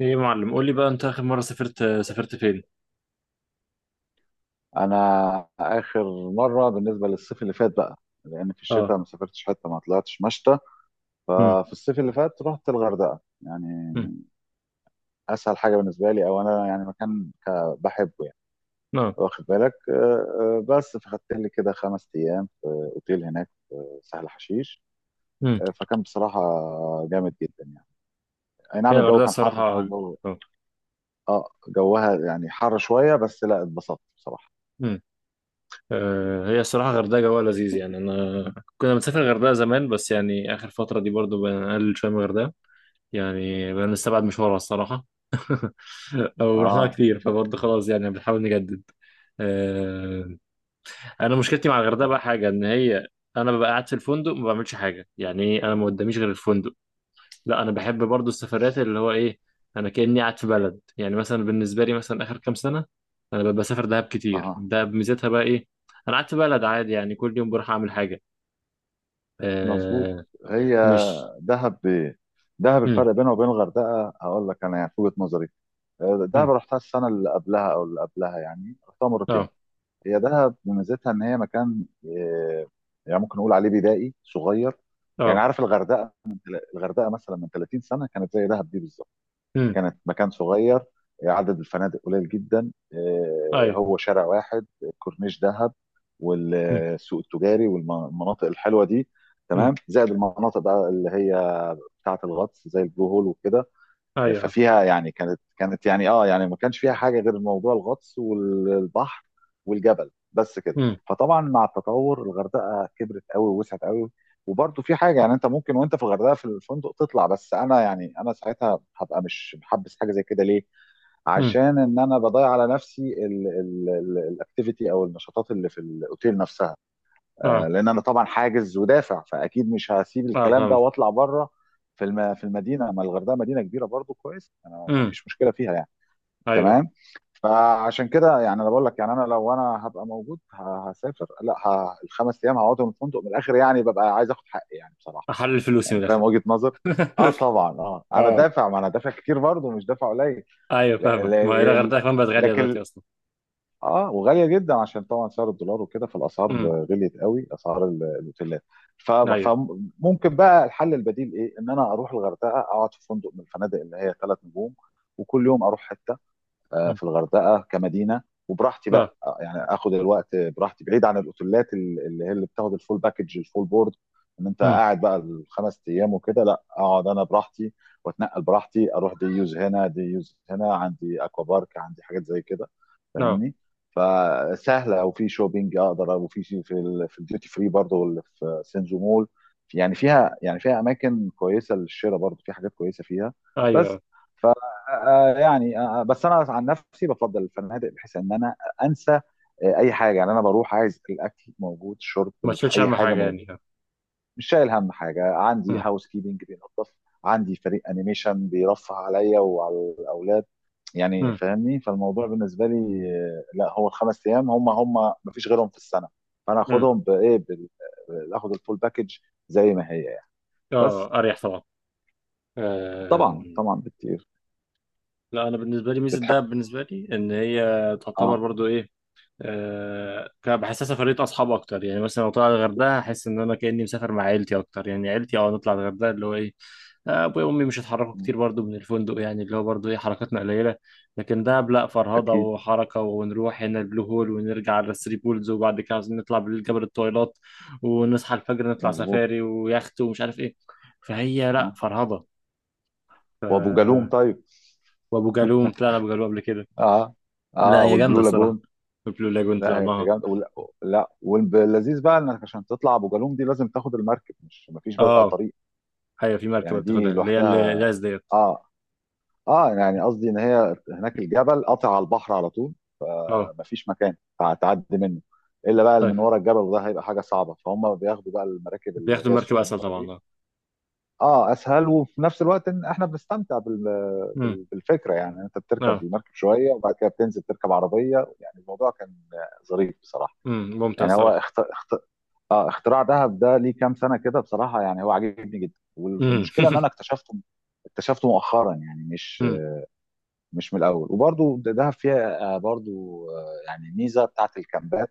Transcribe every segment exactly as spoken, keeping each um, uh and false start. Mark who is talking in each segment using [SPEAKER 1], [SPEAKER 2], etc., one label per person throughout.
[SPEAKER 1] ايه يا معلم، قول لي بقى، انت اخر مره سافرت سافرت فين؟
[SPEAKER 2] انا اخر مره، بالنسبه للصيف اللي فات بقى، لان في
[SPEAKER 1] اه.
[SPEAKER 2] الشتاء ما سافرتش، حته ما طلعتش مشتى.
[SPEAKER 1] امم.
[SPEAKER 2] ففي الصيف اللي فات رحت الغردقه،
[SPEAKER 1] امم.
[SPEAKER 2] يعني اسهل حاجه بالنسبه لي، او انا يعني مكان ك- بحبه يعني،
[SPEAKER 1] اه.
[SPEAKER 2] واخد بالك. آه، آه، بس فخدت لي كده خمس ايام في اوتيل هناك، في سهل حشيش.
[SPEAKER 1] امم.
[SPEAKER 2] آه، فكان بصراحه جامد جدا يعني. اي
[SPEAKER 1] هي
[SPEAKER 2] نعم، الجو
[SPEAKER 1] الغردقه
[SPEAKER 2] كان حر
[SPEAKER 1] الصراحه.
[SPEAKER 2] طبعا، جو
[SPEAKER 1] اه.
[SPEAKER 2] اه جوها يعني حر شويه، بس لا اتبسطت بصراحه.
[SPEAKER 1] امم. آه، هي الصراحه الغردقه جوها لذيذ، يعني انا كنا بنسافر الغردقه زمان، بس يعني اخر فتره دي برضو بنقلل شويه من الغردقه. يعني بنستبعد مشوارها الصراحه. او رحناها
[SPEAKER 2] اه،
[SPEAKER 1] كتير، فبرضو خلاص يعني بنحاول نجدد. آه، انا مشكلتي مع الغردقه بقى حاجه ان هي، انا ببقى قاعد في الفندق ما بعملش حاجه، يعني ايه، انا ما قداميش غير الفندق. لا انا بحب برضو السفرات، اللي هو ايه، انا كاني قاعد في بلد. يعني مثلا بالنسبه لي، مثلا اخر كام سنه انا ببقى بسافر دهب كتير.
[SPEAKER 2] اه،
[SPEAKER 1] دهب ميزتها بقى ايه؟ انا قاعد في بلد عادي، يعني كل يوم بروح اعمل حاجه.
[SPEAKER 2] مظبوط.
[SPEAKER 1] آه.
[SPEAKER 2] هي
[SPEAKER 1] مش...
[SPEAKER 2] دهب ب... دهب
[SPEAKER 1] مم.
[SPEAKER 2] الفرق بينها وبين الغردقه هقول لك انا، يعني في وجهه نظري، آه، دهب
[SPEAKER 1] مم.
[SPEAKER 2] رحتها السنه اللي قبلها او اللي قبلها، يعني رحتها مرتين.
[SPEAKER 1] اه.
[SPEAKER 2] هي دهب ميزتها ان هي مكان، آه، يعني ممكن نقول عليه بدائي صغير. يعني
[SPEAKER 1] اه.
[SPEAKER 2] عارف الغردقه من تل... الغردقه مثلا من 30 سنه كانت زي دهب دي بالظبط.
[SPEAKER 1] مم.
[SPEAKER 2] كانت مكان صغير، عدد الفنادق قليل جدا، آه،
[SPEAKER 1] ايوه.
[SPEAKER 2] هو شارع واحد، كورنيش دهب،
[SPEAKER 1] مم.
[SPEAKER 2] والسوق التجاري والمناطق الحلوه دي.
[SPEAKER 1] مم.
[SPEAKER 2] تمام، زائد المناطق بقى اللي هي بتاعه الغطس، زي البلو هول وكده.
[SPEAKER 1] ايوه.
[SPEAKER 2] ففيها يعني كانت كانت يعني اه يعني ما كانش فيها حاجه غير موضوع الغطس والبحر والجبل، بس كده.
[SPEAKER 1] مم.
[SPEAKER 2] فطبعا مع التطور الغردقه كبرت قوي ووسعت قوي، وبرضه في حاجه، يعني انت ممكن وانت في الغردقه في الفندق تطلع، بس انا يعني انا ساعتها هبقى مش محبس حاجه زي كده، ليه؟
[SPEAKER 1] مم.
[SPEAKER 2] عشان ان انا بضيع على نفسي الاكتيفيتي او النشاطات اللي في الاوتيل نفسها، آه،
[SPEAKER 1] اه.
[SPEAKER 2] لان انا طبعا حاجز ودافع، فاكيد مش هسيب
[SPEAKER 1] اه
[SPEAKER 2] الكلام ده
[SPEAKER 1] فاهمك.
[SPEAKER 2] واطلع بره. في الم... في المدينه، ما الغردقه مدينه كبيره برضو، كويس، انا ما
[SPEAKER 1] مم.
[SPEAKER 2] فيش مشكله فيها يعني.
[SPEAKER 1] ايوه.
[SPEAKER 2] تمام. فعشان كده يعني انا بقول لك، يعني انا لو انا هبقى موجود ه- هسافر، لا ه... الخمس ايام هقعدهم في الفندق من الاخر، يعني ببقى عايز اخد حقي يعني بصراحه.
[SPEAKER 1] احلل فلوسي من
[SPEAKER 2] يعني فاهم
[SPEAKER 1] الاخر.
[SPEAKER 2] وجهه نظر. اه طبعا، اه انا
[SPEAKER 1] اه.
[SPEAKER 2] دافع، ما انا دافع كتير برضو، مش دافع قليل.
[SPEAKER 1] ايوه
[SPEAKER 2] ل...
[SPEAKER 1] فاهمك، ما هي
[SPEAKER 2] ل... ل...
[SPEAKER 1] الغردقه كمان بقت غاليه دلوقتي
[SPEAKER 2] لكن
[SPEAKER 1] اصلا.
[SPEAKER 2] اه، وغاليه جدا عشان طبعا سعر الدولار وكده، فالاسعار
[SPEAKER 1] امم.
[SPEAKER 2] غليت قوي، اسعار ال- الاوتيلات. ف-
[SPEAKER 1] ايوه.
[SPEAKER 2] فممكن بقى الحل البديل ايه؟ ان انا اروح الغردقه، اقعد في فندق من الفنادق اللي هي ثلاث نجوم، وكل يوم اروح حته، آه،
[SPEAKER 1] مم.
[SPEAKER 2] في الغردقه كمدينه، وبراحتي بقى،
[SPEAKER 1] اه.
[SPEAKER 2] آه، يعني اخد الوقت براحتي بعيد عن الاوتيلات اللي هي اللي بتاخد الفول باكج، الفول بورد، ان انت
[SPEAKER 1] امم.
[SPEAKER 2] قاعد بقى الخمس ايام وكده. لا، اقعد انا براحتي، واتنقل براحتي، اروح دي يوز هنا، دي يوز هنا، عندي اكوا بارك، عندي حاجات زي كده،
[SPEAKER 1] اه.
[SPEAKER 2] فاهمني. فسهله، وفي شوبينج اقدر، وفي شيء في ال في الديوتي فري برضه، واللي في سينزو مول، يعني فيها، يعني فيها اماكن كويسه للشراء، برضه في حاجات كويسه فيها. بس
[SPEAKER 1] ايوه.
[SPEAKER 2] آه، آه، يعني آه، آه، بس انا عن نفسي بفضل الفنادق، بحيث ان انا انسى آه، اي حاجه، يعني انا بروح عايز الاكل موجود، الشرب،
[SPEAKER 1] ما
[SPEAKER 2] الح-
[SPEAKER 1] تشيلش
[SPEAKER 2] اي
[SPEAKER 1] اهم
[SPEAKER 2] حاجه
[SPEAKER 1] حاجه يعني.
[SPEAKER 2] موجوده. مش شايل هم حاجه، عندي
[SPEAKER 1] امم.
[SPEAKER 2] هاوس كيبنج بينظف، عندي فريق انيميشن بيرفه عليا وعلى الاولاد. يعني
[SPEAKER 1] امم.
[SPEAKER 2] فاهمني، فالموضوع بالنسبه لي، آه، لا، هو الخمس ايام هم، هم مفيش غيرهم في السنه، فانا
[SPEAKER 1] امم.
[SPEAKER 2] اخدهم بايه بال- آه، اخد الفول باكج زي ما هي يعني.
[SPEAKER 1] اه
[SPEAKER 2] بس.
[SPEAKER 1] اريح طبعا.
[SPEAKER 2] طبعا،
[SPEAKER 1] آم،
[SPEAKER 2] طبعا بكتير.
[SPEAKER 1] لا انا بالنسبه لي، ميزه
[SPEAKER 2] بتحب.
[SPEAKER 1] دهب بالنسبه لي ان هي تعتبر
[SPEAKER 2] اه،
[SPEAKER 1] برضو إيه، آه، كان بحسها سفرية أصحاب أكتر، يعني مثلا لو طلع الغردقة هحس إن أنا كأني مسافر مع عيلتي أكتر. يعني عيلتي أه نطلع الغردقة اللي هو إيه، آه، أبويا وأمي مش هيتحركوا كتير برضو من الفندق، يعني اللي هو برضو إيه، حركاتنا قليلة. لكن دهب لأ، فرهضة
[SPEAKER 2] اكيد.
[SPEAKER 1] وحركة، ونروح هنا البلو هول ونرجع على الثري بولز، وبعد كده عايزين نطلع بالليل جبل الطويلات، ونصحى الفجر نطلع
[SPEAKER 2] مظبوط.
[SPEAKER 1] سفاري ويخت ومش عارف إيه. فهي لأ،
[SPEAKER 2] اه،
[SPEAKER 1] فرهضة.
[SPEAKER 2] وابو جالوم
[SPEAKER 1] ف...
[SPEAKER 2] طيب.
[SPEAKER 1] وأبو جالوم طلعنا أبو جالوم قبل كده.
[SPEAKER 2] اه،
[SPEAKER 1] لأ
[SPEAKER 2] اه،
[SPEAKER 1] هي جامدة
[SPEAKER 2] والبلو
[SPEAKER 1] الصراحة،
[SPEAKER 2] لاجون.
[SPEAKER 1] البلو لاجون
[SPEAKER 2] لا يا
[SPEAKER 1] طلعناها.
[SPEAKER 2] جامد، ولا لا، واللذيذ بقى انك عشان تطلع ابو جالوم دي لازم تاخد المركب، مش مفيش بقى
[SPEAKER 1] اه.
[SPEAKER 2] طريق.
[SPEAKER 1] ايوه في مركبه
[SPEAKER 2] يعني
[SPEAKER 1] بتاخدها،
[SPEAKER 2] دي
[SPEAKER 1] اللي هي ال-
[SPEAKER 2] لوحدها.
[SPEAKER 1] الاس ديت.
[SPEAKER 2] اه، اه، يعني قصدي ان هي هناك الجبل قاطع على البحر على طول،
[SPEAKER 1] اه.
[SPEAKER 2] فمفيش مكان هتعدي منه، الا بقى اللي
[SPEAKER 1] طيب،
[SPEAKER 2] من ورا الجبل، وده هيبقى حاجه صعبه، فهم بياخدوا بقى المراكب اللي
[SPEAKER 1] بياخدوا
[SPEAKER 2] هي
[SPEAKER 1] المركبه اسهل
[SPEAKER 2] الصغنونه
[SPEAKER 1] طبعا.
[SPEAKER 2] دي.
[SPEAKER 1] اه.
[SPEAKER 2] اه، اسهل وفي نفس الوقت ان احنا بنستمتع بال-
[SPEAKER 1] امم.
[SPEAKER 2] بال- بالفكره، يعني انت بتركب
[SPEAKER 1] اه.
[SPEAKER 2] المركب شويه وبعد كده بتنزل تركب عربيه، يعني الموضوع كان ظريف بصراحه.
[SPEAKER 1] امم ممتاز
[SPEAKER 2] يعني هو
[SPEAKER 1] صراحه.
[SPEAKER 2] اخت... اخت... اه اختراع دهب ده ليه كام سنه كده بصراحه، يعني هو عاجبني جدا،
[SPEAKER 1] امم.
[SPEAKER 2] والمشكله ان انا اكتشفته، اكتشفته مؤخرا، يعني مش
[SPEAKER 1] امم.
[SPEAKER 2] مش من الاول. وبرضو دهب فيها، آه، برضو آه، يعني ميزه بتاعت الكامبات،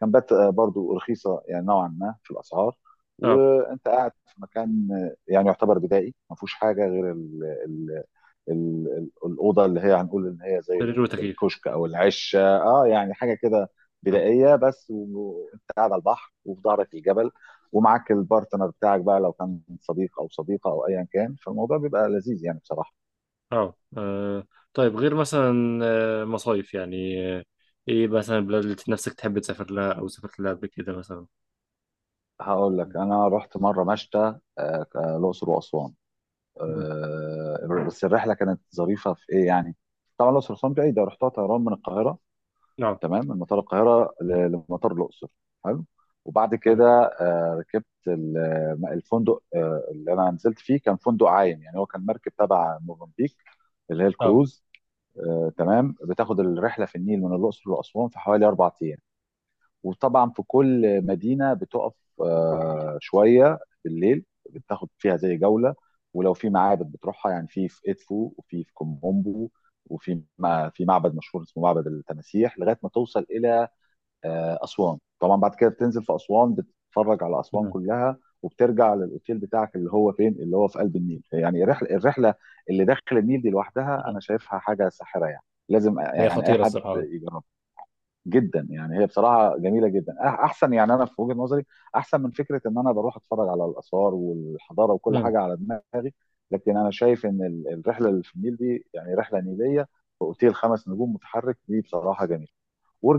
[SPEAKER 2] كامبات آه، برضو رخيصه يعني نوعا ما في الاسعار.
[SPEAKER 1] اه
[SPEAKER 2] وانت قاعد في مكان، آه، يعني يعتبر بدائي، ما فيهوش حاجه غير ال ال ال ال الاوضه اللي هي هنقول ان هي زي
[SPEAKER 1] سرير وتكييف.
[SPEAKER 2] الكشك او العشه، اه يعني حاجه كده
[SPEAKER 1] أمم.
[SPEAKER 2] بدائيه، بس وانت قاعد على البحر وفي ظهرك الجبل، ومعاك البارتنر بتاعك بقى، لو كان صديق او صديقه او ايا كان، فالموضوع بيبقى لذيذ يعني بصراحه.
[SPEAKER 1] اه. آه. طيب غير مثلا، آه، مصايف يعني، آه، ايه مثلا البلاد اللي نفسك تحب تسافر لها او سافرت لها قبل كده مثلا؟
[SPEAKER 2] هقول لك، انا رحت مره مشتى، آه، ك- الاقصر واسوان.
[SPEAKER 1] امم.
[SPEAKER 2] آه، بس الرحله كانت ظريفه في ايه يعني. طبعا الاقصر واسوان بعيده، رحتها طيران من القاهره،
[SPEAKER 1] اه.
[SPEAKER 2] تمام، من مطار القاهره ل- لمطار الاقصر. حلو. وبعد
[SPEAKER 1] تمام.
[SPEAKER 2] كده، آه، ركبت ال- الفندق، آه، اللي انا نزلت فيه كان فندق عايم، يعني هو كان مركب تبع موزمبيق، اللي هي
[SPEAKER 1] اه.
[SPEAKER 2] الكروز. آه، تمام، بتاخد الرحله في النيل من الاقصر لاسوان في حوالي اربع ايام، وطبعا في كل مدينه بتقف آه، شويه بالليل، بتاخد فيها زي جوله، ولو في معابد بتروحها، يعني في في ادفو وفي في كومبو، وفي ما في معبد مشهور اسمه معبد التماسيح، لغايه ما توصل الى آه، اسوان. طبعا بعد كده بتنزل في اسوان، بتتفرج على اسوان
[SPEAKER 1] امم.
[SPEAKER 2] كلها، وبترجع للاوتيل بتاعك اللي هو فين، اللي هو في قلب النيل. يعني الرحله الرحله اللي داخل النيل دي لوحدها
[SPEAKER 1] أمم.
[SPEAKER 2] انا شايفها حاجه ساحره يعني، لازم
[SPEAKER 1] هي
[SPEAKER 2] يعني اي
[SPEAKER 1] خطيره
[SPEAKER 2] حد
[SPEAKER 1] الصراحه.
[SPEAKER 2] يجربها. جدا يعني، هي بصراحه جميله جدا، أح- احسن يعني، انا في وجهه نظري احسن من فكره ان انا بروح اتفرج على الاثار والحضاره وكل
[SPEAKER 1] امم.
[SPEAKER 2] حاجه على دماغي، لكن انا شايف ان ال- الرحله اللي في النيل دي، يعني رحله نيليه في اوتيل خمس نجوم متحرك، دي بصراحه جميله.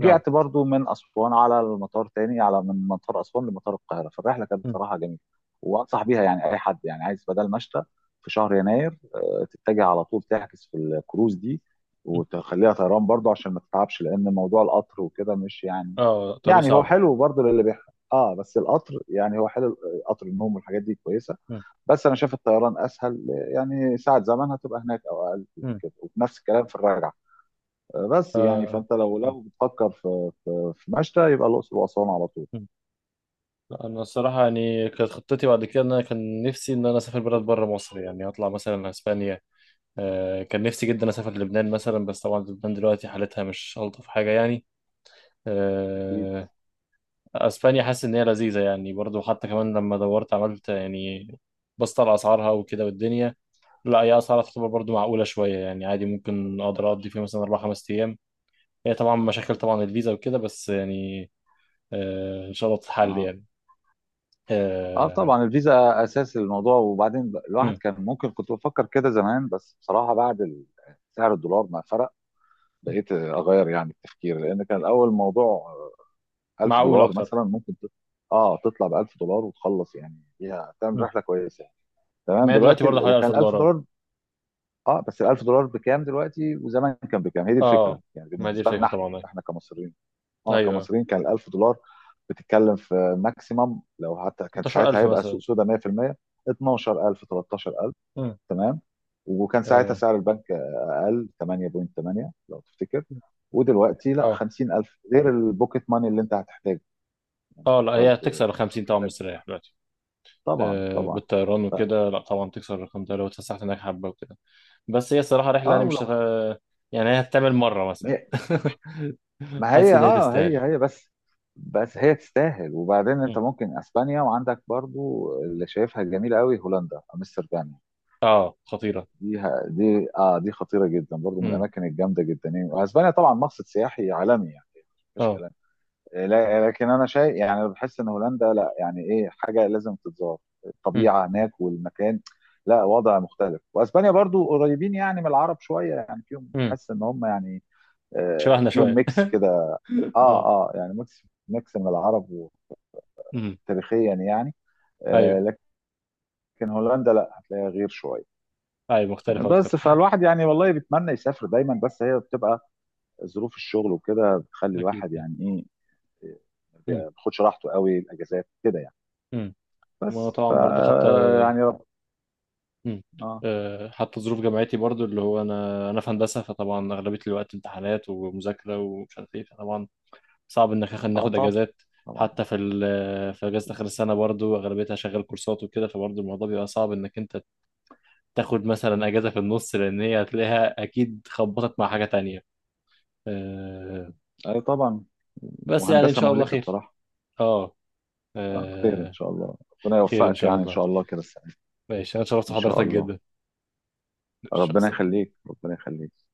[SPEAKER 1] اه.
[SPEAKER 2] برضو من اسوان على المطار تاني، على من مطار اسوان لمطار القاهره، فالرحله كانت
[SPEAKER 1] أمم.
[SPEAKER 2] صراحه جميله، وانصح بيها يعني اي حد يعني عايز بدل مشتى في شهر يناير، آه، تتجه على طول تحجز في الكروز دي، وتخليها طيران برضو عشان ما تتعبش، لان موضوع القطر وكده مش يعني،
[SPEAKER 1] اه طريق
[SPEAKER 2] يعني هو
[SPEAKER 1] صعب.
[SPEAKER 2] حلو برضو للي بيحب. اه، بس القطر يعني هو حلو، قطر النوم والحاجات دي كويسه،
[SPEAKER 1] امم.
[SPEAKER 2] بس انا شايف الطيران اسهل، يعني ساعه زمن هتبقى هناك او اقل من
[SPEAKER 1] أمم.
[SPEAKER 2] كده، وبنفس الكلام في الرجعه. بس يعني،
[SPEAKER 1] آه.
[SPEAKER 2] فانت لو لو بتفكر في في, في مشتى، يبقى الاقصر واسوان على طول.
[SPEAKER 1] لا انا الصراحه يعني كانت خطتي بعد كده ان انا كان نفسي ان انا اسافر بلد بره مصر، يعني اطلع مثلا اسبانيا. آه، كان نفسي جدا اسافر لبنان مثلا، بس طبعا لبنان دلوقتي حالتها مش الطف حاجه يعني.
[SPEAKER 2] اكيد.
[SPEAKER 1] آه، اسبانيا حاسس ان هي لذيذه يعني، برضو حتى كمان لما دورت عملت يعني، بصت على اسعارها وكده والدنيا. لا هي اسعارها تعتبر برضو معقوله شويه، يعني عادي ممكن اقدر اقضي فيها مثلا اربع خمس ايام. هي طبعا مشاكل طبعا الفيزا وكده، بس يعني آه، ان شاء الله تتحل
[SPEAKER 2] اه،
[SPEAKER 1] يعني.
[SPEAKER 2] اه
[SPEAKER 1] آه.
[SPEAKER 2] طبعا، الفيزا اساس الموضوع، وبعدين الواحد
[SPEAKER 1] مم.
[SPEAKER 2] كان ممكن، كنت بفكر كده زمان، بس بصراحه بعد ال- سعر الدولار ما فرق، بقيت اغير يعني التفكير، لان كان الاول الموضوع 1000
[SPEAKER 1] معقول
[SPEAKER 2] دولار
[SPEAKER 1] اكتر.
[SPEAKER 2] مثلا، ممكن تط- اه تطلع ب ألف دولار وتخلص، يعني فيها تعمل
[SPEAKER 1] مم.
[SPEAKER 2] رحله كويسه يعني. تمام،
[SPEAKER 1] ما هي دلوقتي
[SPEAKER 2] دلوقتي
[SPEAKER 1] برضه
[SPEAKER 2] ال-
[SPEAKER 1] حوالي
[SPEAKER 2] وكان
[SPEAKER 1] 1000
[SPEAKER 2] ال 1000
[SPEAKER 1] دولار أهو.
[SPEAKER 2] دولار اه، بس ال ألف دولار بكام دلوقتي، وزمان كان بكام؟ هي دي الفكره
[SPEAKER 1] اه،
[SPEAKER 2] يعني
[SPEAKER 1] ما دي
[SPEAKER 2] بالنسبه
[SPEAKER 1] الفكرة
[SPEAKER 2] لنا، احنا
[SPEAKER 1] طبعا.
[SPEAKER 2] احنا كمصريين. اه
[SPEAKER 1] ايوه
[SPEAKER 2] كمصريين، كان ال ألف دولار بتتكلم في ماكسيمم، لو حتى كان ساعتها،
[SPEAKER 1] ستاشر ألف
[SPEAKER 2] هيبقى
[SPEAKER 1] مثلا.
[SPEAKER 2] سوق سودا، مية في المية، اتناشر ألف، تلتاشر ألف.
[SPEAKER 1] مم.
[SPEAKER 2] تمام، وكان ساعتها
[SPEAKER 1] اه.
[SPEAKER 2] سعر البنك اقل، تمانية فاصلة تمانية لو تفتكر. ودلوقتي لا،
[SPEAKER 1] اه.
[SPEAKER 2] خمسين ألف غير البوكيت ماني اللي انت هتحتاجه يعني.
[SPEAKER 1] اه، لا هي
[SPEAKER 2] برضه
[SPEAKER 1] هتكسر ال خمسين طبعا،
[SPEAKER 2] محتاج.
[SPEAKER 1] مستريح دلوقتي.
[SPEAKER 2] طبعا
[SPEAKER 1] آه
[SPEAKER 2] طبعا.
[SPEAKER 1] بالطيران وكده، لا طبعا تكسر ال خمس تلاف لو اتفسحت هناك حبة وكده. بس هي الصراحة رحلة
[SPEAKER 2] اه
[SPEAKER 1] يعني، مش
[SPEAKER 2] ولو
[SPEAKER 1] هت... يعني هي هتتعمل مرة مثلا.
[SPEAKER 2] هي- ما
[SPEAKER 1] حاسس
[SPEAKER 2] هي،
[SPEAKER 1] ان هي
[SPEAKER 2] اه هي
[SPEAKER 1] تستاهل.
[SPEAKER 2] هي بس، بس هي تستاهل. وبعدين
[SPEAKER 1] مم.
[SPEAKER 2] انت ممكن اسبانيا، وعندك برضو اللي شايفها جميله قوي، هولندا، امستردام
[SPEAKER 1] اه خطيرة.
[SPEAKER 2] دي ه- دي اه دي خطيره جدا برضو، من
[SPEAKER 1] مم.
[SPEAKER 2] الاماكن الجامده جدا يعني، واسبانيا طبعا مقصد سياحي عالمي يعني، مفيش
[SPEAKER 1] اه.
[SPEAKER 2] كلام. آه، لا- آه، لكن انا شايف يعني، أنا بحس ان هولندا لا، يعني ايه حاجه لازم تتزار،
[SPEAKER 1] مم.
[SPEAKER 2] الطبيعه هناك والمكان، لا وضع مختلف. واسبانيا برضو قريبين يعني من العرب شويه، يعني فيهم
[SPEAKER 1] مم.
[SPEAKER 2] تحس ان هم يعني، آه،
[SPEAKER 1] شبهنا
[SPEAKER 2] فيهم
[SPEAKER 1] شوية.
[SPEAKER 2] ميكس كده.
[SPEAKER 1] اه.
[SPEAKER 2] اه، اه، يعني ميكس ميكس من العرب
[SPEAKER 1] مم.
[SPEAKER 2] تاريخيا يعني،
[SPEAKER 1] ايوه.
[SPEAKER 2] آه، لكن هولندا لا، هتلاقيها غير شويه.
[SPEAKER 1] ايوه مختلف اكتر.
[SPEAKER 2] بس فالواحد يعني والله بيتمنى يسافر دايما، بس هي بتبقى ظروف الشغل وكده، بتخلي
[SPEAKER 1] اكيد.
[SPEAKER 2] الواحد يعني ايه، ما
[SPEAKER 1] مم.
[SPEAKER 2] بياخدش راحته قوي الاجازات كده يعني.
[SPEAKER 1] مم. ما هو
[SPEAKER 2] بس ف،
[SPEAKER 1] طبعا برضه حتى.
[SPEAKER 2] يعني رب.
[SPEAKER 1] مم.
[SPEAKER 2] اه،
[SPEAKER 1] آه، حتى ظروف جامعتي برضو اللي هو انا انا في هندسه، فطبعا اغلبيه الوقت امتحانات ومذاكره ومش عارف ايه، فطبعا صعب انك آخد-
[SPEAKER 2] اه
[SPEAKER 1] ناخد
[SPEAKER 2] طب،
[SPEAKER 1] اجازات.
[SPEAKER 2] طبعا.
[SPEAKER 1] حتى في ال- في اجازه اخر السنه برضو اغلبيتها شغال كورسات وكده، فبرضو الموضوع بيبقى صعب انك انت تاخد مثلا اجازه في النص، لان هي هتلاقيها اكيد خبطت مع حاجه تانية. آه،
[SPEAKER 2] اي طبعا،
[SPEAKER 1] بس يعني ان
[SPEAKER 2] وهندسه
[SPEAKER 1] شاء الله
[SPEAKER 2] مهلكه
[SPEAKER 1] خير.
[SPEAKER 2] بصراحه.
[SPEAKER 1] اه.
[SPEAKER 2] آه، خير ان
[SPEAKER 1] آه،
[SPEAKER 2] شاء الله. ربنا
[SPEAKER 1] خير ان
[SPEAKER 2] يوفقك
[SPEAKER 1] شاء
[SPEAKER 2] يعني، ان
[SPEAKER 1] الله.
[SPEAKER 2] شاء الله كده السنه دي.
[SPEAKER 1] ماشي، انا شرفت
[SPEAKER 2] ان شاء
[SPEAKER 1] حضرتك
[SPEAKER 2] الله،
[SPEAKER 1] جدا. ماشي، مع
[SPEAKER 2] ربنا
[SPEAKER 1] السلامة.
[SPEAKER 2] يخليك، ربنا يخليك.